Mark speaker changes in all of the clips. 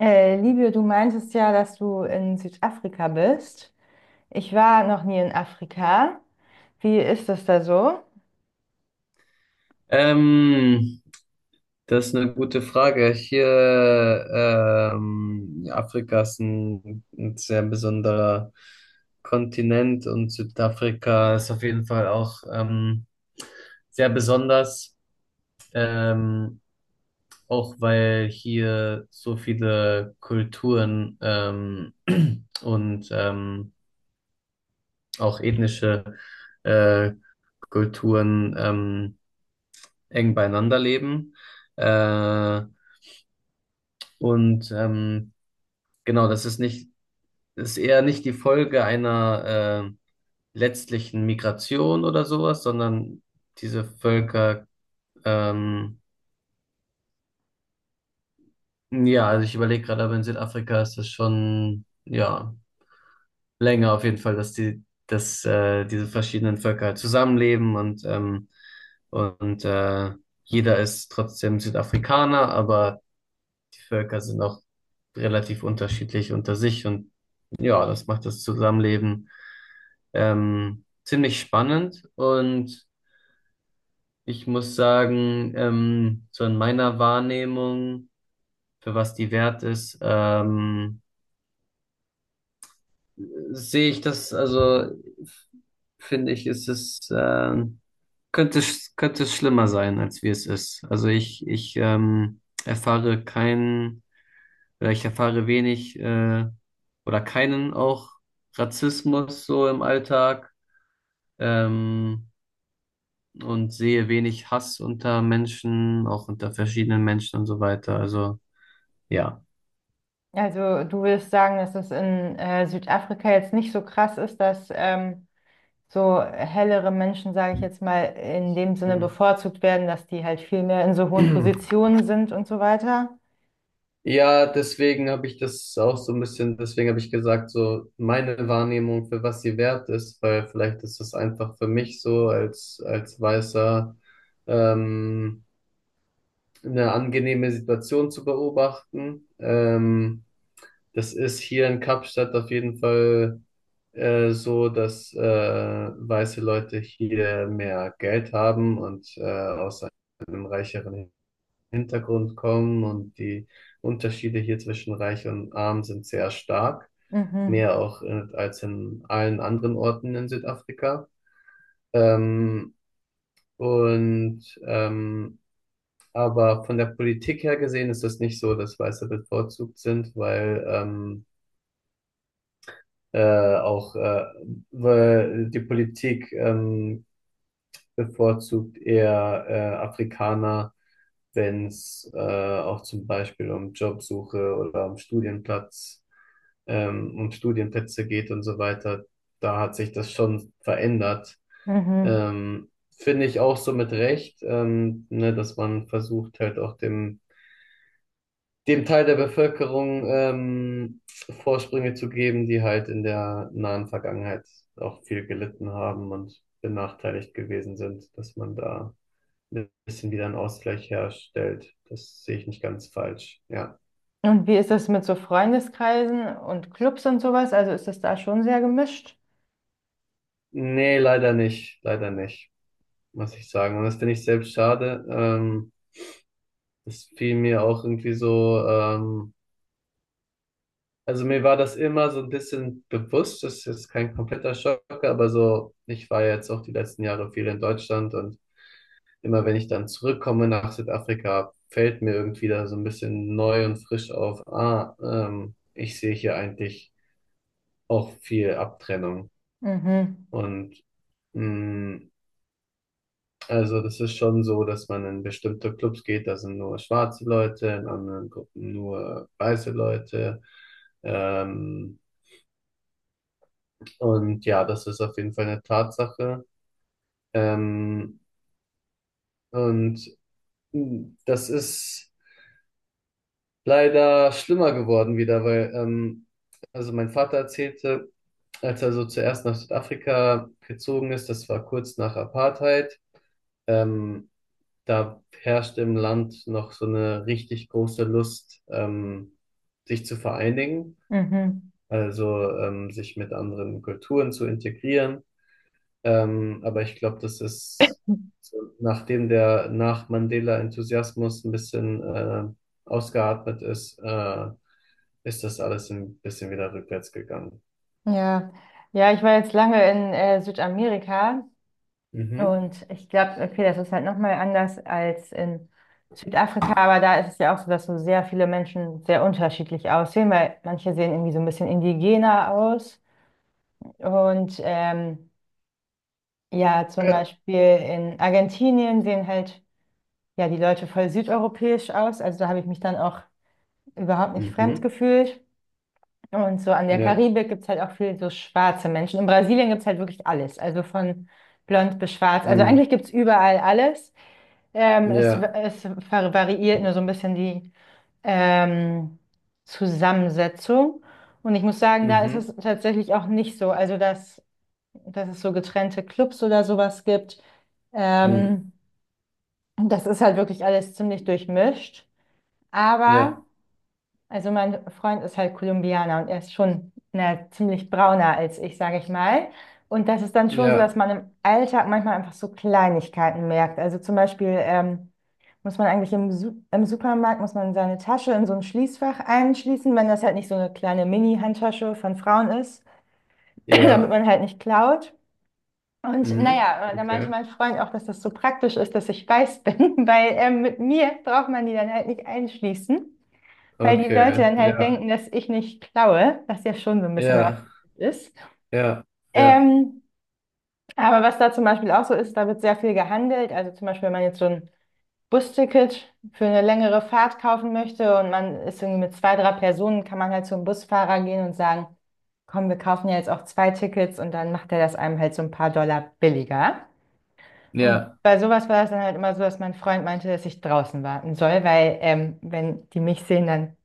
Speaker 1: Livio, du meintest ja, dass du in Südafrika bist. Ich war noch nie in Afrika. Wie ist das da so?
Speaker 2: Ähm, Das ist eine gute Frage. Ja, Afrika ist ein sehr besonderer Kontinent und Südafrika ist auf jeden Fall auch sehr besonders, ähm, auch weil hier so viele Kulturen und auch ethnische äh, Kulturen eng beieinander leben. Äh, Und ähm, genau, das ist eher nicht die Folge einer letztlichen Migration oder sowas, sondern diese Völker, ähm, ja, also ich überlege gerade, aber in Südafrika ist das schon, ja, länger auf jeden Fall, dass diese verschiedenen Völker halt zusammenleben und jeder ist trotzdem Südafrikaner, aber die Völker sind auch relativ unterschiedlich unter sich und ja, das macht das Zusammenleben ziemlich spannend und ich muss sagen, so in meiner Wahrnehmung, für was die wert ist, sehe ich das, also f- finde ich, ist es, könnte, es- könnte es schlimmer sein, als wie es ist. Also ich erfahre kein ich erfahre wenig oder keinen auch Rassismus so im Alltag ähm, und sehe wenig Hass unter Menschen, auch unter verschiedenen Menschen und so weiter. Also ja.
Speaker 1: Also, du würdest sagen, dass es in Südafrika jetzt nicht so krass ist, dass so hellere Menschen, sage ich jetzt mal, in dem Sinne
Speaker 2: Mhm.
Speaker 1: bevorzugt werden, dass die halt viel mehr in so hohen Positionen sind und so weiter.
Speaker 2: Ja, deswegen habe ich das auch so ein bisschen, deswegen habe ich gesagt, so meine Wahrnehmung, für was sie wert ist, weil vielleicht ist das einfach für mich so als Weißer ähm, eine angenehme Situation zu beobachten. Das ist hier in Kapstadt auf jeden Fall so, dass weiße Leute hier mehr Geld haben und aus einem reicheren Hintergrund kommen und die Unterschiede hier zwischen reich und arm sind sehr stark,
Speaker 1: Mhm.
Speaker 2: mehr auch als in allen anderen Orten in Südafrika. Ähm, und ähm, aber von der Politik her gesehen ist das nicht so, dass Weiße bevorzugt sind, weil auch weil die Politik bevorzugt eher Afrikaner, wenn es auch zum Beispiel um Jobsuche oder um um Studienplätze geht und so weiter. Da hat sich das schon verändert.
Speaker 1: Mhm.
Speaker 2: Ähm, Finde ich auch so mit Recht, ne, dass man versucht halt auch dem Teil der Bevölkerung Vorsprünge zu geben, die halt in der nahen Vergangenheit auch viel gelitten haben und benachteiligt gewesen sind, dass man da ein bisschen wieder einen Ausgleich herstellt. Das sehe ich nicht ganz falsch. Ja.
Speaker 1: Und wie ist das mit so Freundeskreisen und Clubs und sowas? Also, ist das da schon sehr gemischt?
Speaker 2: Nee, leider nicht, muss ich sagen. Und das finde ich selbst schade. Das fiel mir auch irgendwie so. Also mir war das immer so ein bisschen bewusst, das ist jetzt kein kompletter Schock, aber so, ich war jetzt auch die letzten Jahre viel in Deutschland und immer wenn ich dann zurückkomme nach Südafrika, fällt mir irgendwie da so ein bisschen neu und frisch auf, ich sehe hier eigentlich auch viel Abtrennung.
Speaker 1: Mhm.
Speaker 2: Und mh, also das ist schon so, dass man in bestimmte Clubs geht, da sind nur schwarze Leute, in anderen Gruppen nur weiße Leute. Ähm, Und ja, das ist auf jeden Fall eine Tatsache. Ähm, und Das ist leider schlimmer geworden wieder, weil also mein Vater erzählte, als er so zuerst nach Südafrika gezogen ist, das war kurz nach Apartheid, ähm, da herrschte im Land noch so eine richtig große Lust, sich zu vereinigen,
Speaker 1: Mhm.
Speaker 2: also sich mit anderen Kulturen zu integrieren. Aber ich glaube, so, nachdem der Nach-Mandela-Enthusiasmus ein bisschen ausgeatmet ist, ist das alles ein bisschen wieder rückwärts gegangen.
Speaker 1: Ja, ja, ich war jetzt lange in Südamerika
Speaker 2: Mhm.
Speaker 1: und ich glaube, okay, das ist halt nochmal anders als in Südafrika, aber da ist es ja auch so, dass so sehr viele Menschen sehr unterschiedlich aussehen, weil manche sehen irgendwie so ein bisschen indigener aus. Und ja, zum
Speaker 2: Ja.
Speaker 1: Beispiel in Argentinien sehen halt ja die Leute voll südeuropäisch aus. Also da habe ich mich dann auch überhaupt nicht fremd
Speaker 2: Mhm.
Speaker 1: gefühlt. Und so an der
Speaker 2: Ja.
Speaker 1: Karibik gibt es halt auch viel so schwarze Menschen. In Brasilien gibt es halt wirklich alles. Also von blond bis schwarz. Also
Speaker 2: Mhm.
Speaker 1: eigentlich gibt es überall alles. Ähm, es, w-
Speaker 2: Ja.
Speaker 1: es var- variiert nur so ein bisschen die ähm, Zusammensetzung. Und ich muss sagen, da ist
Speaker 2: Mhm.
Speaker 1: es tatsächlich auch nicht so. Also, dass es so getrennte Clubs oder sowas gibt.
Speaker 2: Mhm.
Speaker 1: Ähm, Das ist halt wirklich alles ziemlich durchmischt. Aber.
Speaker 2: Ja.
Speaker 1: Also mein Freund ist halt Kolumbianer und er ist schon na, ziemlich brauner als ich, sage ich mal. Und das ist dann schon so, dass
Speaker 2: Ja.
Speaker 1: man im Alltag manchmal einfach so Kleinigkeiten merkt. Also zum Beispiel muss man eigentlich im Supermarkt, muss man seine Tasche in so ein Schließfach einschließen, wenn das halt nicht so eine kleine Mini-Handtasche von Frauen ist, damit
Speaker 2: Ja.
Speaker 1: man halt nicht klaut. Und
Speaker 2: Mhm.
Speaker 1: naja, da meinte
Speaker 2: Okay.
Speaker 1: mein Freund auch, dass das so praktisch ist, dass ich weiß bin, weil mit mir braucht man die dann halt nicht einschließen. Weil die Leute
Speaker 2: Okay.
Speaker 1: dann halt
Speaker 2: Ja.
Speaker 1: denken, dass ich nicht klaue, was ja schon so ein bisschen
Speaker 2: Ja.
Speaker 1: rassistisch ist.
Speaker 2: Ja.
Speaker 1: Ähm, aber was da zum Beispiel auch so ist, da wird sehr viel gehandelt. Also zum Beispiel, wenn man jetzt so ein Busticket für eine längere Fahrt kaufen möchte und man ist irgendwie mit zwei, drei Personen, kann man halt zum Busfahrer gehen und sagen, komm, wir kaufen ja jetzt auch zwei Tickets und dann macht er das einem halt so ein paar Dollar billiger. Und
Speaker 2: Ja.
Speaker 1: bei sowas war es dann halt immer so, dass mein Freund meinte, dass ich draußen warten soll, weil wenn die mich sehen, dann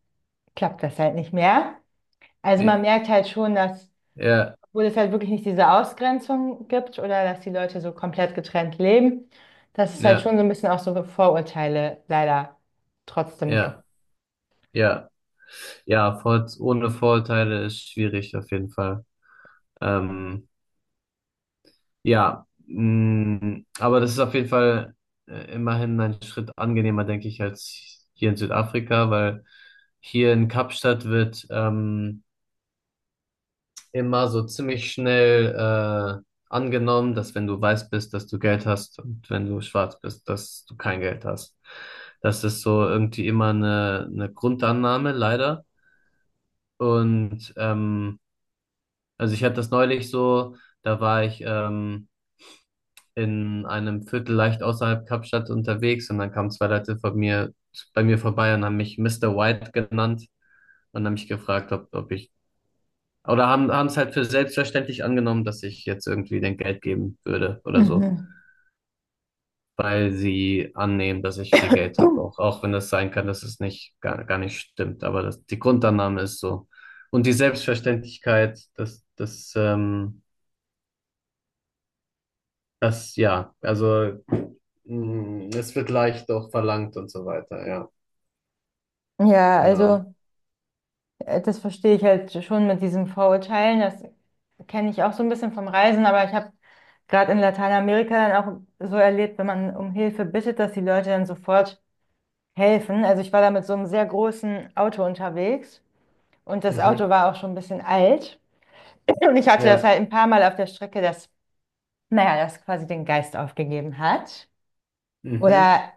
Speaker 1: klappt das halt nicht mehr. Also man
Speaker 2: Ja.
Speaker 1: merkt halt schon, dass,
Speaker 2: Ja.
Speaker 1: obwohl es halt wirklich nicht diese Ausgrenzung gibt oder dass die Leute so komplett getrennt leben, dass es
Speaker 2: Ja.
Speaker 1: halt schon
Speaker 2: Ja.
Speaker 1: so ein bisschen auch so Vorurteile leider trotzdem gibt.
Speaker 2: Ja. Ja. Ohne Vorurteile ist schwierig auf jeden Fall. Ähm, aber das ist auf jeden Fall immerhin ein Schritt angenehmer, denke ich, als hier in Südafrika, weil hier in Kapstadt wird immer so ziemlich schnell angenommen, dass wenn du weiß bist, dass du Geld hast und wenn du schwarz bist, dass du kein Geld hast. Das ist so irgendwie immer eine Grundannahme, leider. Und ähm, Also ich hatte das neulich so, da war ich in einem Viertel leicht außerhalb Kapstadt unterwegs und dann kamen zwei Leute bei mir vorbei und haben mich Mister White genannt und haben mich gefragt, ob ich, oder haben es halt für selbstverständlich angenommen, dass ich jetzt irgendwie den Geld geben würde oder so,
Speaker 1: Mhm.
Speaker 2: weil sie annehmen, dass ich viel Geld habe auch, auch wenn das sein kann, dass es nicht, gar, gar nicht stimmt, aber das, die Grundannahme ist so. Und die Selbstverständlichkeit, ja, also es wird leicht auch verlangt und so weiter, ja,
Speaker 1: Ja,
Speaker 2: genau.
Speaker 1: also das verstehe ich halt schon mit diesen Vorurteilen. Das kenne ich auch so ein bisschen vom Reisen, aber ich habe gerade in Lateinamerika dann auch so erlebt, wenn man um Hilfe bittet, dass die Leute dann sofort helfen. Also ich war da mit so einem sehr großen Auto unterwegs und das Auto
Speaker 2: Mhm.
Speaker 1: war auch schon ein bisschen alt. Und ich hatte das
Speaker 2: Ja,
Speaker 1: halt ein paar Mal auf der Strecke, dass, naja, das quasi den Geist aufgegeben hat.
Speaker 2: mhm.
Speaker 1: Oder,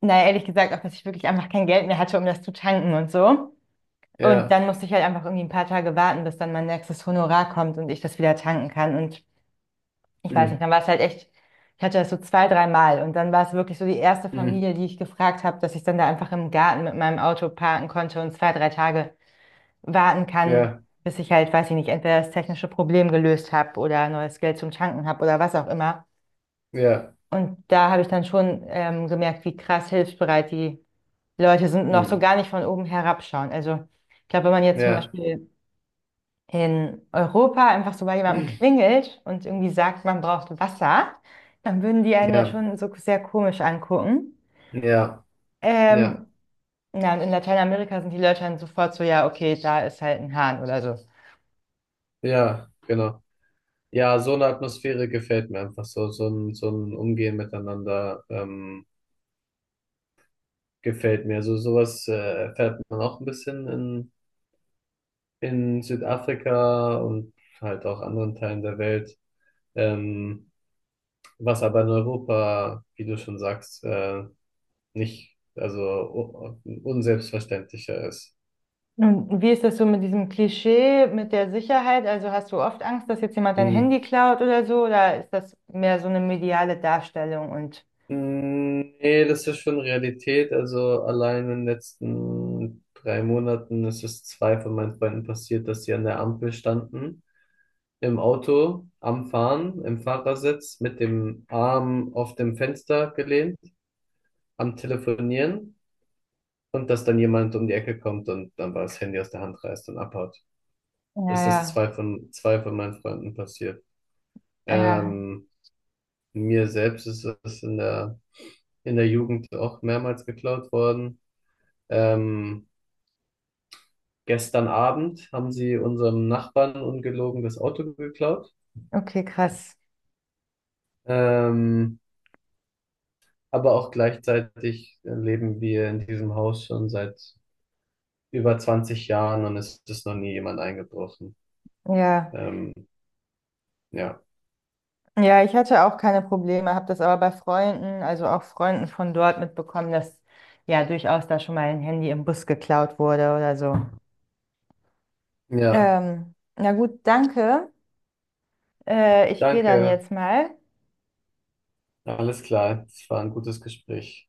Speaker 1: naja, ehrlich gesagt, auch, dass ich wirklich einfach kein Geld mehr hatte, um das zu tanken und so. Und
Speaker 2: Ja,
Speaker 1: dann musste ich halt einfach irgendwie ein paar Tage warten, bis dann mein nächstes Honorar kommt und ich das wieder tanken kann. Und ich weiß nicht,
Speaker 2: mhm.
Speaker 1: dann war es halt echt, ich hatte das so zwei, drei Mal. Und dann war es wirklich so die erste
Speaker 2: Mhm.
Speaker 1: Familie, die ich gefragt habe, dass ich dann da einfach im Garten mit meinem Auto parken konnte und zwei, drei Tage warten kann,
Speaker 2: Ja,
Speaker 1: bis ich halt, weiß ich nicht, entweder das technische Problem gelöst habe oder neues Geld zum Tanken habe oder was auch immer.
Speaker 2: ja,
Speaker 1: Und da habe ich dann schon gemerkt, wie krass hilfsbereit die Leute sind und auch so
Speaker 2: mhm.
Speaker 1: gar nicht von oben herabschauen. Also ich glaube, wenn man jetzt zum
Speaker 2: Ja,
Speaker 1: Beispiel in Europa einfach so bei jemandem klingelt und irgendwie sagt, man braucht Wasser, dann würden die einen ja
Speaker 2: ja,
Speaker 1: schon so sehr komisch angucken.
Speaker 2: ja, ja,
Speaker 1: Ähm, na, und in Lateinamerika sind die Leute dann sofort so, ja, okay, da ist halt ein Hahn oder so.
Speaker 2: ja, genau. Ja, so eine Atmosphäre gefällt mir einfach so, so ein Umgehen miteinander gefällt mir. So sowas erfährt man auch ein bisschen in Südafrika und halt auch anderen Teilen der Welt. Ähm, Was aber in Europa, wie du schon sagst, nicht, also unselbstverständlicher ist.
Speaker 1: Und wie ist das so mit diesem Klischee, mit der Sicherheit? Also hast du oft Angst, dass jetzt jemand dein Handy
Speaker 2: Hm.
Speaker 1: klaut oder so? Oder ist das mehr so eine mediale Darstellung? Und
Speaker 2: Nee, das ist schon Realität. Also allein in den letzten 3 Monaten ist es zwei von meinen Freunden passiert, dass sie an der Ampel standen, im Auto, am Fahren, im Fahrersitz, mit dem Arm auf dem Fenster gelehnt, am Telefonieren und dass dann jemand um die Ecke kommt und dann war das Handy aus der Hand reißt und abhaut. Das ist
Speaker 1: ja,
Speaker 2: zwei von meinen Freunden passiert.
Speaker 1: ja, ja,
Speaker 2: Ähm, Mir selbst ist es in der Jugend auch mehrmals geklaut worden. Ähm, Gestern Abend haben sie unserem Nachbarn ungelogen das Auto geklaut.
Speaker 1: okay, krass.
Speaker 2: Ähm, aber auch gleichzeitig leben wir in diesem Haus schon seit über 20 Jahren und es ist noch nie jemand eingebrochen.
Speaker 1: Ja,
Speaker 2: Ähm, ja.
Speaker 1: ja, ich hatte auch keine Probleme, habe das aber bei Freunden, also auch Freunden von dort mitbekommen, dass ja durchaus da schon mal ein Handy im Bus geklaut wurde oder so.
Speaker 2: Ja,
Speaker 1: Na gut, danke. Ich gehe dann
Speaker 2: danke.
Speaker 1: jetzt mal.
Speaker 2: Alles klar. Es war ein gutes Gespräch.